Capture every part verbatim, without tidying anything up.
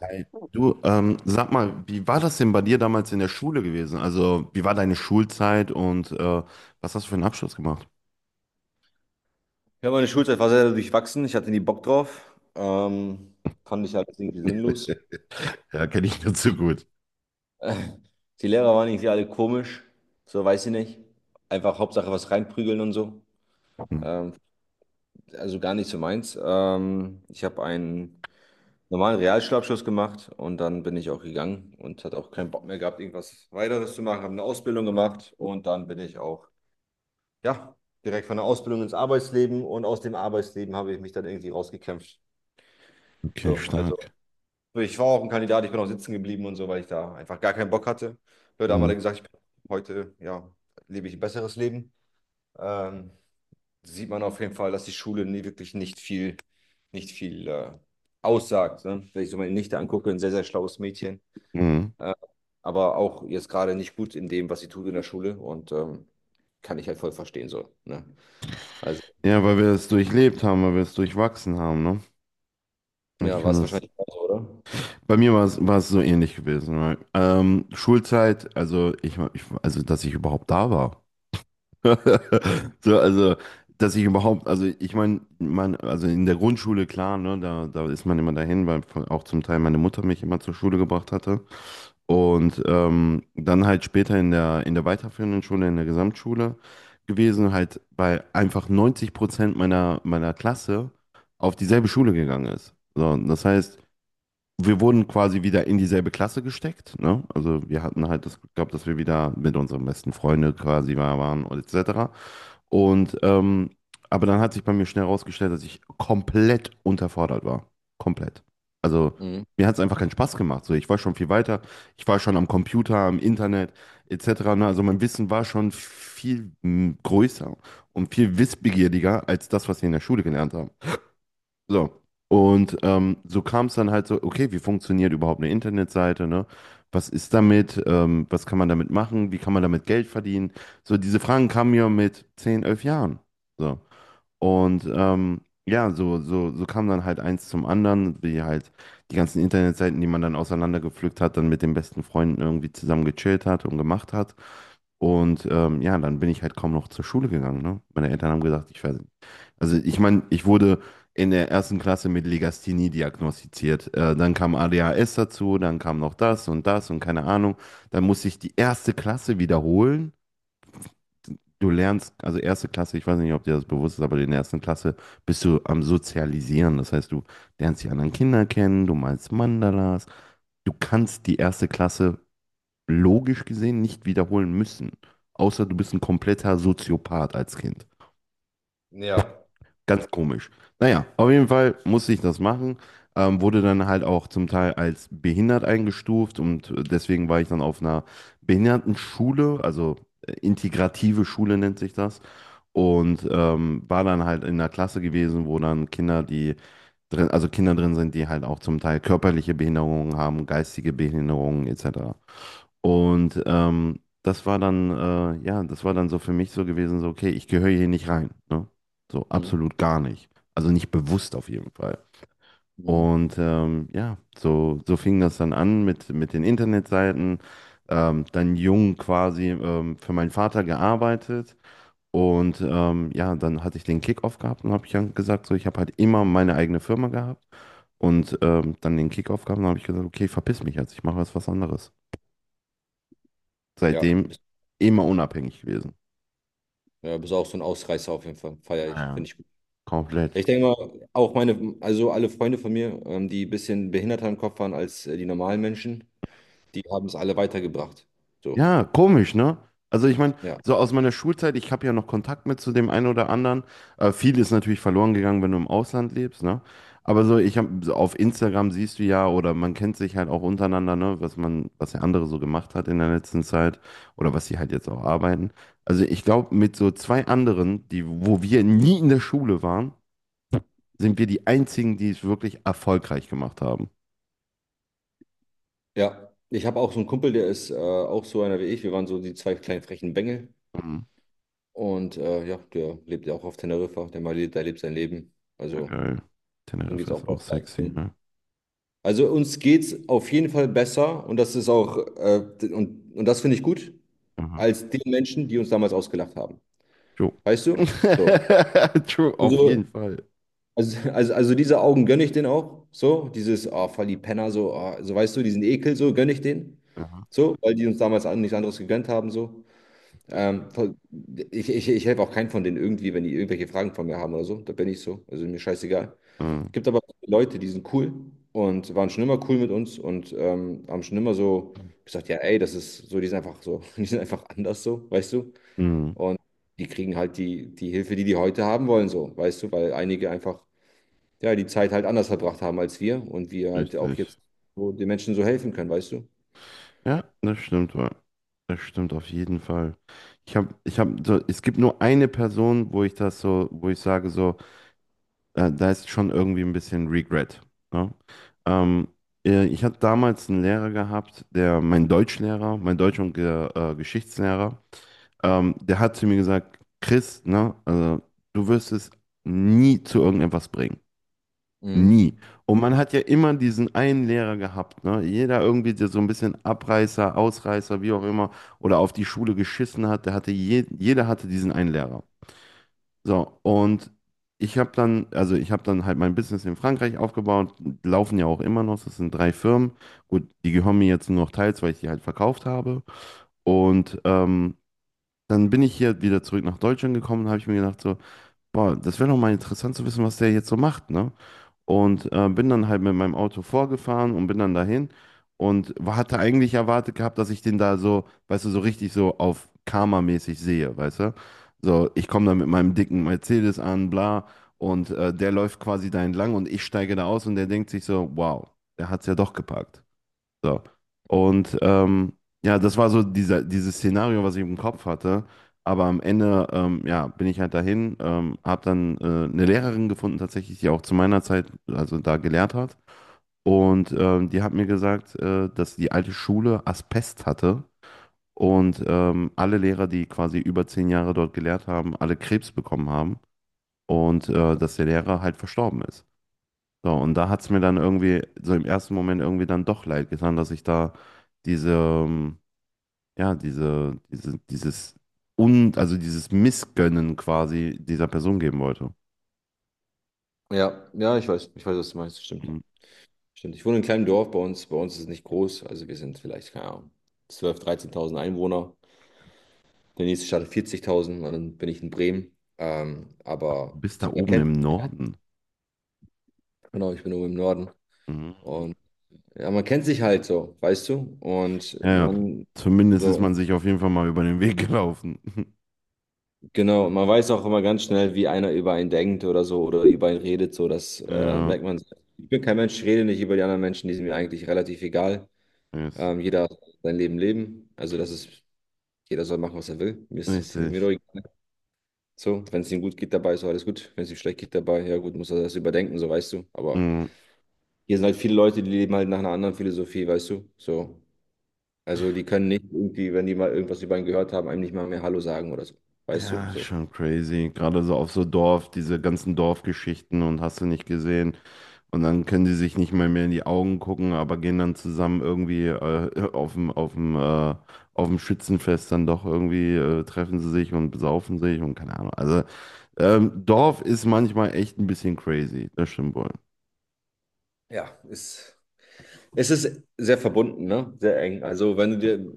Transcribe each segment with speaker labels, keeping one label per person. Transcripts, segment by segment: Speaker 1: Hi. Du, ähm, sag mal, wie war das denn bei dir damals in der Schule gewesen? Also, wie war deine Schulzeit und äh, was hast du für einen Abschluss gemacht?
Speaker 2: Ja, meine Schulzeit war sehr durchwachsen. Ich hatte nie Bock drauf. Ähm, fand ich alles irgendwie sinnlos.
Speaker 1: Ja, kenne ich nur zu gut.
Speaker 2: Die Lehrer waren irgendwie alle komisch. So, weiß ich nicht. Einfach Hauptsache was reinprügeln und so. Ähm, also gar nicht so meins. Ähm, ich habe einen normalen Realschulabschluss gemacht und dann bin ich auch gegangen und hatte auch keinen Bock mehr gehabt, irgendwas weiteres zu machen. Habe eine Ausbildung gemacht und dann bin ich auch, ja, direkt von der Ausbildung ins Arbeitsleben und aus dem Arbeitsleben habe ich mich dann irgendwie rausgekämpft.
Speaker 1: Okay,
Speaker 2: So, als
Speaker 1: stark.
Speaker 2: ich war auch ein Kandidat, ich bin auch sitzen geblieben und so, weil ich da einfach gar keinen Bock hatte. Leute haben alle
Speaker 1: Mhm.
Speaker 2: gesagt, ich bin heute, ja, lebe ich ein besseres Leben. Ähm, sieht man auf jeden Fall, dass die Schule nie wirklich nicht viel, nicht viel äh, aussagt. Ne? Wenn ich so meine Nichte angucke, ein sehr, sehr schlaues Mädchen,
Speaker 1: Mhm.
Speaker 2: äh, aber auch jetzt gerade nicht gut in dem, was sie tut in der Schule und ähm, kann ich halt voll verstehen so. Ne? Also,
Speaker 1: Ja, weil wir es durchlebt haben, weil wir es durchwachsen haben, ne? Ich
Speaker 2: ja, war
Speaker 1: kann
Speaker 2: es
Speaker 1: das.
Speaker 2: wahrscheinlich auch so, oder?
Speaker 1: Bei mir war es, war es so ähnlich gewesen. Weil, ähm, Schulzeit, also ich, war- ich, war- also dass ich überhaupt da war. So, also, dass ich überhaupt, also ich meine, mein, also in der Grundschule, klar, ne, da, da ist man immer dahin, weil von- auch zum Teil meine Mutter mich immer zur Schule gebracht hatte. Und ähm, dann halt später in der, in der weiterführenden Schule, in der Gesamtschule gewesen, halt bei einfach neunzig Prozent meiner, meiner Klasse auf dieselbe Schule gegangen ist. So, und das heißt, wir wurden quasi wieder in dieselbe Klasse gesteckt, ne? Also wir hatten halt das Glück gehabt, dass wir wieder mit unseren besten Freunden quasi war- waren und et cetera. Und ähm, aber dann hat sich bei mir schnell herausgestellt, dass ich komplett unterfordert war. Komplett. Also
Speaker 2: Mhm.
Speaker 1: mir hat es einfach keinen Spaß gemacht. So, ich war schon viel weiter. Ich war schon am Computer, am Internet et cetera. Ne? Also mein Wissen war schon viel mm, größer und viel wissbegieriger als das, was wir in der Schule gelernt haben. So. Und ähm, so kam es dann halt so, okay, wie funktioniert überhaupt eine Internetseite, ne? Was ist damit? Ähm, was kann man damit machen? Wie kann man damit Geld verdienen? So, diese Fragen kamen mir mit zehn elf Jahren. So. Und ähm, ja, so, so, so kam dann halt eins zum anderen, wie halt die ganzen Internetseiten, die man dann auseinandergepflückt hat, dann mit den besten Freunden irgendwie zusammen gechillt hat und gemacht hat. Und ähm, ja, dann bin ich halt kaum noch zur Schule gegangen, ne? Meine Eltern haben gesagt, ich, ver- also ich meine, ich wurde in der ersten Klasse mit Legasthenie diagnostiziert. Äh, dann kam A D H S dazu, dann kam noch das und das und keine Ahnung. Dann musste ich die erste Klasse wiederholen. Du lernst, also erste Klasse, ich weiß nicht, ob dir das bewusst ist, aber in der ersten Klasse bist du am Sozialisieren. Das heißt, du lernst die anderen Kinder kennen, du malst Mandalas. Du kannst die erste Klasse logisch gesehen nicht wiederholen müssen, außer du bist ein kompletter Soziopath als Kind.
Speaker 2: Ja.
Speaker 1: Ganz komisch. Naja, auf jeden Fall musste ich das machen. Ähm, wurde dann halt auch zum Teil als behindert eingestuft und äh, deswegen war ich dann auf einer Behindertenschule, also äh, integrative Schule nennt sich das. Und ähm, war dann halt in einer Klasse gewesen, wo dann Kinder, die drin, also Kinder drin sind, die halt auch zum Teil körperliche Behinderungen haben, geistige Behinderungen et cetera. Und ähm, das war dann, äh, ja, das war dann so für mich so gewesen, so, okay, ich gehöre hier nicht rein, ne? So
Speaker 2: Mhm.
Speaker 1: absolut gar nicht. Also nicht bewusst auf jeden Fall.
Speaker 2: Mhm.
Speaker 1: Und ähm, ja, so, so fing das dann an mit, mit den Internetseiten. Ähm, dann jung quasi ähm, für meinen Vater gearbeitet. Und ähm, ja, dann hatte ich den Kickoff gehabt und habe ich dann gesagt, so, ich habe halt immer meine eigene Firma gehabt. Und ähm, dann den Kickoff gehabt und habe ich gesagt, okay, verpiss mich jetzt, ich mache jetzt was anderes
Speaker 2: Ja, ein
Speaker 1: seitdem
Speaker 2: bisschen.
Speaker 1: immer unabhängig gewesen.
Speaker 2: Ja, bist auch so ein Ausreißer auf jeden Fall. feiere ich,
Speaker 1: Ja,
Speaker 2: finde ich gut.
Speaker 1: komplett.
Speaker 2: Ich denke mal, auch meine, also alle Freunde von mir, ähm, die ein bisschen behinderter im Kopf waren als äh, die normalen Menschen, die haben es alle weitergebracht. So,
Speaker 1: Ja, komisch, ne? Also ich meine,
Speaker 2: ja.
Speaker 1: so aus meiner Schulzeit, ich habe ja noch Kontakt mit zu dem einen oder anderen. Äh, viel ist natürlich verloren gegangen, wenn du im Ausland lebst, ne? Aber so, ich habe so auf Instagram siehst du ja, oder man kennt sich halt auch untereinander, ne, was man, was der andere so gemacht hat in der letzten Zeit oder was sie halt jetzt auch arbeiten. Also ich glaube, mit so zwei anderen, die, wo wir nie in der Schule waren, sind wir die einzigen, die es wirklich erfolgreich gemacht haben.
Speaker 2: Ja, ich habe auch so einen Kumpel, der ist äh, auch so einer wie ich. Wir waren so die zwei kleinen frechen Bengel. Und äh, ja, der lebt ja auch auf Teneriffa. Der mal lebt, der lebt sein Leben. Also,
Speaker 1: Geil.
Speaker 2: ihm geht
Speaker 1: Teneriffa
Speaker 2: es auch
Speaker 1: ist auch
Speaker 2: besser. als
Speaker 1: sexy,
Speaker 2: mir.
Speaker 1: ne?
Speaker 2: Also, uns geht es auf jeden Fall besser. Und das ist auch, äh, und, und das finde ich gut,
Speaker 1: Aha.
Speaker 2: als den Menschen, die uns damals ausgelacht haben.
Speaker 1: True.
Speaker 2: Weißt du? So.
Speaker 1: True, auf
Speaker 2: Also,
Speaker 1: jeden Fall.
Speaker 2: also, also, also diese Augen gönne ich denen auch. So, dieses, ah, voll die Penner, so, ah, so weißt du, diesen Ekel, so gönne ich denen.
Speaker 1: Aha.
Speaker 2: So, weil die uns damals an- nichts anderes gegönnt haben, so. Ähm, voll, ich ich, ich helfe auch keinen von denen irgendwie, wenn die irgendwelche Fragen von mir haben oder so. Da bin ich so. Also mir scheißegal.
Speaker 1: Ah.
Speaker 2: Gibt aber Leute, die sind cool und waren schon immer cool mit uns und ähm, haben schon immer so gesagt, ja, ey, das ist so, die sind einfach so, die sind einfach anders so, weißt du?
Speaker 1: Mhm.
Speaker 2: Und die kriegen halt die, die Hilfe, die die heute haben wollen, so, weißt du, weil einige einfach, ja, die Zeit halt anders verbracht haben als wir und wir halt auch
Speaker 1: Richtig.
Speaker 2: jetzt so den Menschen so helfen können, weißt du?
Speaker 1: Ja, das stimmt wohl. Das stimmt auf jeden Fall. Ich habe, ich habe so, es gibt nur eine Person, wo ich das so, wo ich sage so, äh, da ist schon irgendwie ein bisschen Regret. Ne? Ähm, äh, ich hatte damals einen Lehrer gehabt, der, mein Deutschlehrer, mein Deutsch- und Ge äh, Geschichtslehrer. Ähm, der hat zu mir gesagt, Chris, ne, also, du wirst es nie zu irgendetwas bringen.
Speaker 2: Mhm.
Speaker 1: Nie. Und man hat ja immer diesen einen Lehrer gehabt, ne? Jeder irgendwie, der so ein bisschen Abreißer, Ausreißer, wie auch immer, oder auf die Schule geschissen hat, der hatte je, jeder hatte diesen einen Lehrer. So, und ich habe dann, also ich habe dann halt mein Business in Frankreich aufgebaut, laufen ja auch immer noch, das sind drei Firmen. Gut, die gehören mir jetzt nur noch teils, weil ich die halt verkauft habe. Und ähm, dann bin ich hier wieder zurück nach Deutschland gekommen, habe ich mir gedacht, so, boah, das wäre doch mal interessant zu wissen, was der jetzt so macht, ne? Und äh, bin dann halt mit meinem Auto vorgefahren und bin dann dahin und wa- hatte eigentlich erwartet gehabt, dass ich den da so, weißt du, so richtig so auf Karma-mäßig sehe, weißt du? So, ich komme da mit meinem dicken Mercedes an, bla, und äh, der läuft quasi da entlang und ich steige da aus und der denkt sich so, wow, der hat's ja doch gepackt. So. Und ähm, ja, das war so dieser, dieses Szenario, was ich im Kopf hatte. Aber am Ende, ähm, ja, bin ich halt dahin, ähm, habe dann äh, eine Lehrerin gefunden, tatsächlich, die auch zu meiner Zeit, also da gelehrt hat. Und ähm, die hat mir gesagt, äh, dass die alte Schule Asbest hatte und ähm, alle Lehrer, die quasi über zehn Jahre dort gelehrt haben, alle Krebs bekommen haben und äh, dass der Lehrer halt verstorben ist. So, und da hat es mir dann irgendwie, so im ersten Moment irgendwie dann doch leid getan, dass ich da diese, ähm, ja, diese, diese, dieses und also dieses Missgönnen quasi dieser Person geben wollte.
Speaker 2: Ja, ja, ich weiß, ich weiß, was du meinst, stimmt.
Speaker 1: Mhm.
Speaker 2: Stimmt. Ich wohne in einem kleinen Dorf bei uns. Bei uns ist es nicht groß. Also wir sind vielleicht, keine Ahnung, zwölftausend, dreizehntausend Einwohner. Der nächste Stadt hat vierzigtausend und dann bin ich in Bremen. Ähm, aber
Speaker 1: Bis da
Speaker 2: so, man
Speaker 1: oben im
Speaker 2: kennt sich ja.
Speaker 1: Norden.
Speaker 2: Genau, ich bin oben im Norden.
Speaker 1: Mhm.
Speaker 2: Und ja, man kennt sich halt so, weißt du? Und
Speaker 1: Ja, ja.
Speaker 2: man,
Speaker 1: Zumindest ist
Speaker 2: so,
Speaker 1: man sich auf jeden Fall mal über den Weg gelaufen.
Speaker 2: Genau, und man weiß auch immer ganz schnell, wie einer über einen denkt oder so oder über einen redet, so das äh,
Speaker 1: Ja,
Speaker 2: merkt man. Ich bin kein Mensch, ich rede nicht über die anderen Menschen, die sind mir eigentlich relativ egal.
Speaker 1: ist
Speaker 2: Ähm, jeder soll sein Leben leben, also das ist, jeder soll machen, was er will. Mir ist es nicht
Speaker 1: richtig.
Speaker 2: mir doch egal. So, wenn es ihm gut geht dabei, ist alles gut. Wenn es ihm schlecht geht dabei, ja gut, muss er das überdenken, so weißt du. Aber
Speaker 1: Mhm.
Speaker 2: hier sind halt viele Leute, die leben halt nach einer anderen Philosophie, weißt du. So, also die können nicht irgendwie, wenn die mal irgendwas über ihn gehört haben, einem nicht mal mehr Hallo sagen oder so, weißt du,
Speaker 1: Ja, ist
Speaker 2: so.
Speaker 1: schon crazy. Gerade so auf so Dorf, diese ganzen Dorfgeschichten und hast du nicht gesehen. Und dann können die sich nicht mal mehr in die Augen gucken, aber gehen dann zusammen irgendwie äh, auf dem, auf dem, äh, auf dem Schützenfest dann doch irgendwie, äh, treffen sie sich und besaufen sich und keine Ahnung. Also ähm, Dorf ist manchmal echt ein bisschen crazy, das stimmt wohl.
Speaker 2: Ja, ist Es ist sehr verbunden, ne? Sehr eng. Also wenn du dir,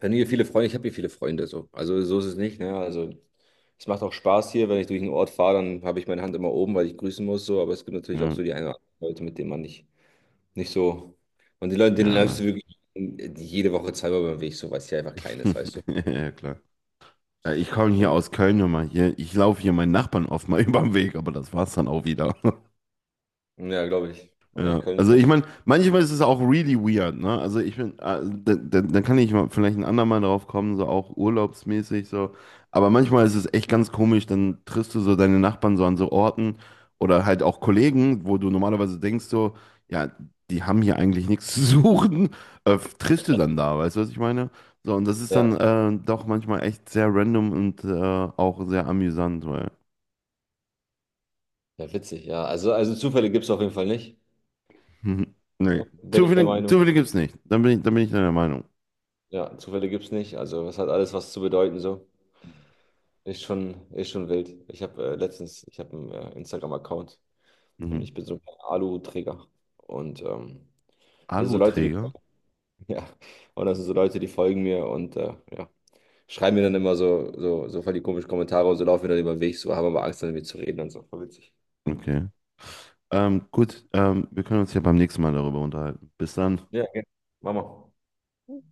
Speaker 2: wenn du hier viele Freunde, ich habe hier viele Freunde so. Also so ist es nicht, ne? Also es macht auch Spaß hier, wenn ich durch einen Ort fahre, dann habe ich meine Hand immer oben, weil ich grüßen muss so. Aber es gibt natürlich auch
Speaker 1: Ja,
Speaker 2: so die eine oder andere Leute, mit denen man nicht, nicht so. Und die Leute, denen
Speaker 1: gerne.
Speaker 2: läufst du wirklich jede Woche zweimal beim Weg, so weil es hier einfach klein ist, weißt du?
Speaker 1: Ja, klar. Ja, ich komme hier
Speaker 2: Ja.
Speaker 1: aus Köln immer hier. Ich laufe hier meinen Nachbarn oft mal über den Weg, aber das war's dann auch wieder.
Speaker 2: Ja, glaube ich. Ja,
Speaker 1: Ja,
Speaker 2: Köln ist
Speaker 1: also
Speaker 2: noch.
Speaker 1: ich meine, manchmal ist es auch really weird, ne? Also ich bin, äh, dann da, da da kann ich mal vielleicht ein andermal drauf kommen, so auch urlaubsmäßig so. Aber manchmal ist es echt ganz komisch, dann triffst du so deine Nachbarn so an so Orten oder halt auch Kollegen, wo du normalerweise denkst so, ja, die haben hier eigentlich nichts zu suchen, äh, triffst du dann da, weißt du, was ich meine? So, und das ist
Speaker 2: Ja,
Speaker 1: dann äh, doch manchmal echt sehr random und äh, auch sehr amüsant, weil,
Speaker 2: ja, witzig, ja. Also, also Zufälle gibt es auf jeden Fall nicht.
Speaker 1: nee,
Speaker 2: Bin ich der
Speaker 1: Zufälle,
Speaker 2: Meinung.
Speaker 1: Zufälle gibt's nicht. Dann bin ich, dann bin ich deiner Meinung.
Speaker 2: Ja, Zufälle gibt es nicht. Also es hat alles was zu bedeuten so. Ist schon, ist schon wild. Ich habe äh, letztens, ich habe einen äh, Instagram-Account und
Speaker 1: Mhm.
Speaker 2: ich bin so ein Alu-Träger. Und ähm, das sind so Leute, die,
Speaker 1: Aluträger?
Speaker 2: ja, und das sind so Leute, die folgen mir und äh, ja, schreiben mir dann immer so, so, so voll die komischen Kommentare und so laufen mir dann über den Weg, so haben aber Angst, dann mit zu reden und so. Voll witzig.
Speaker 1: Okay. Ähm, gut, ähm, wir können uns ja beim nächsten Mal darüber unterhalten. Bis dann.
Speaker 2: Ja, gerne. Mach mal.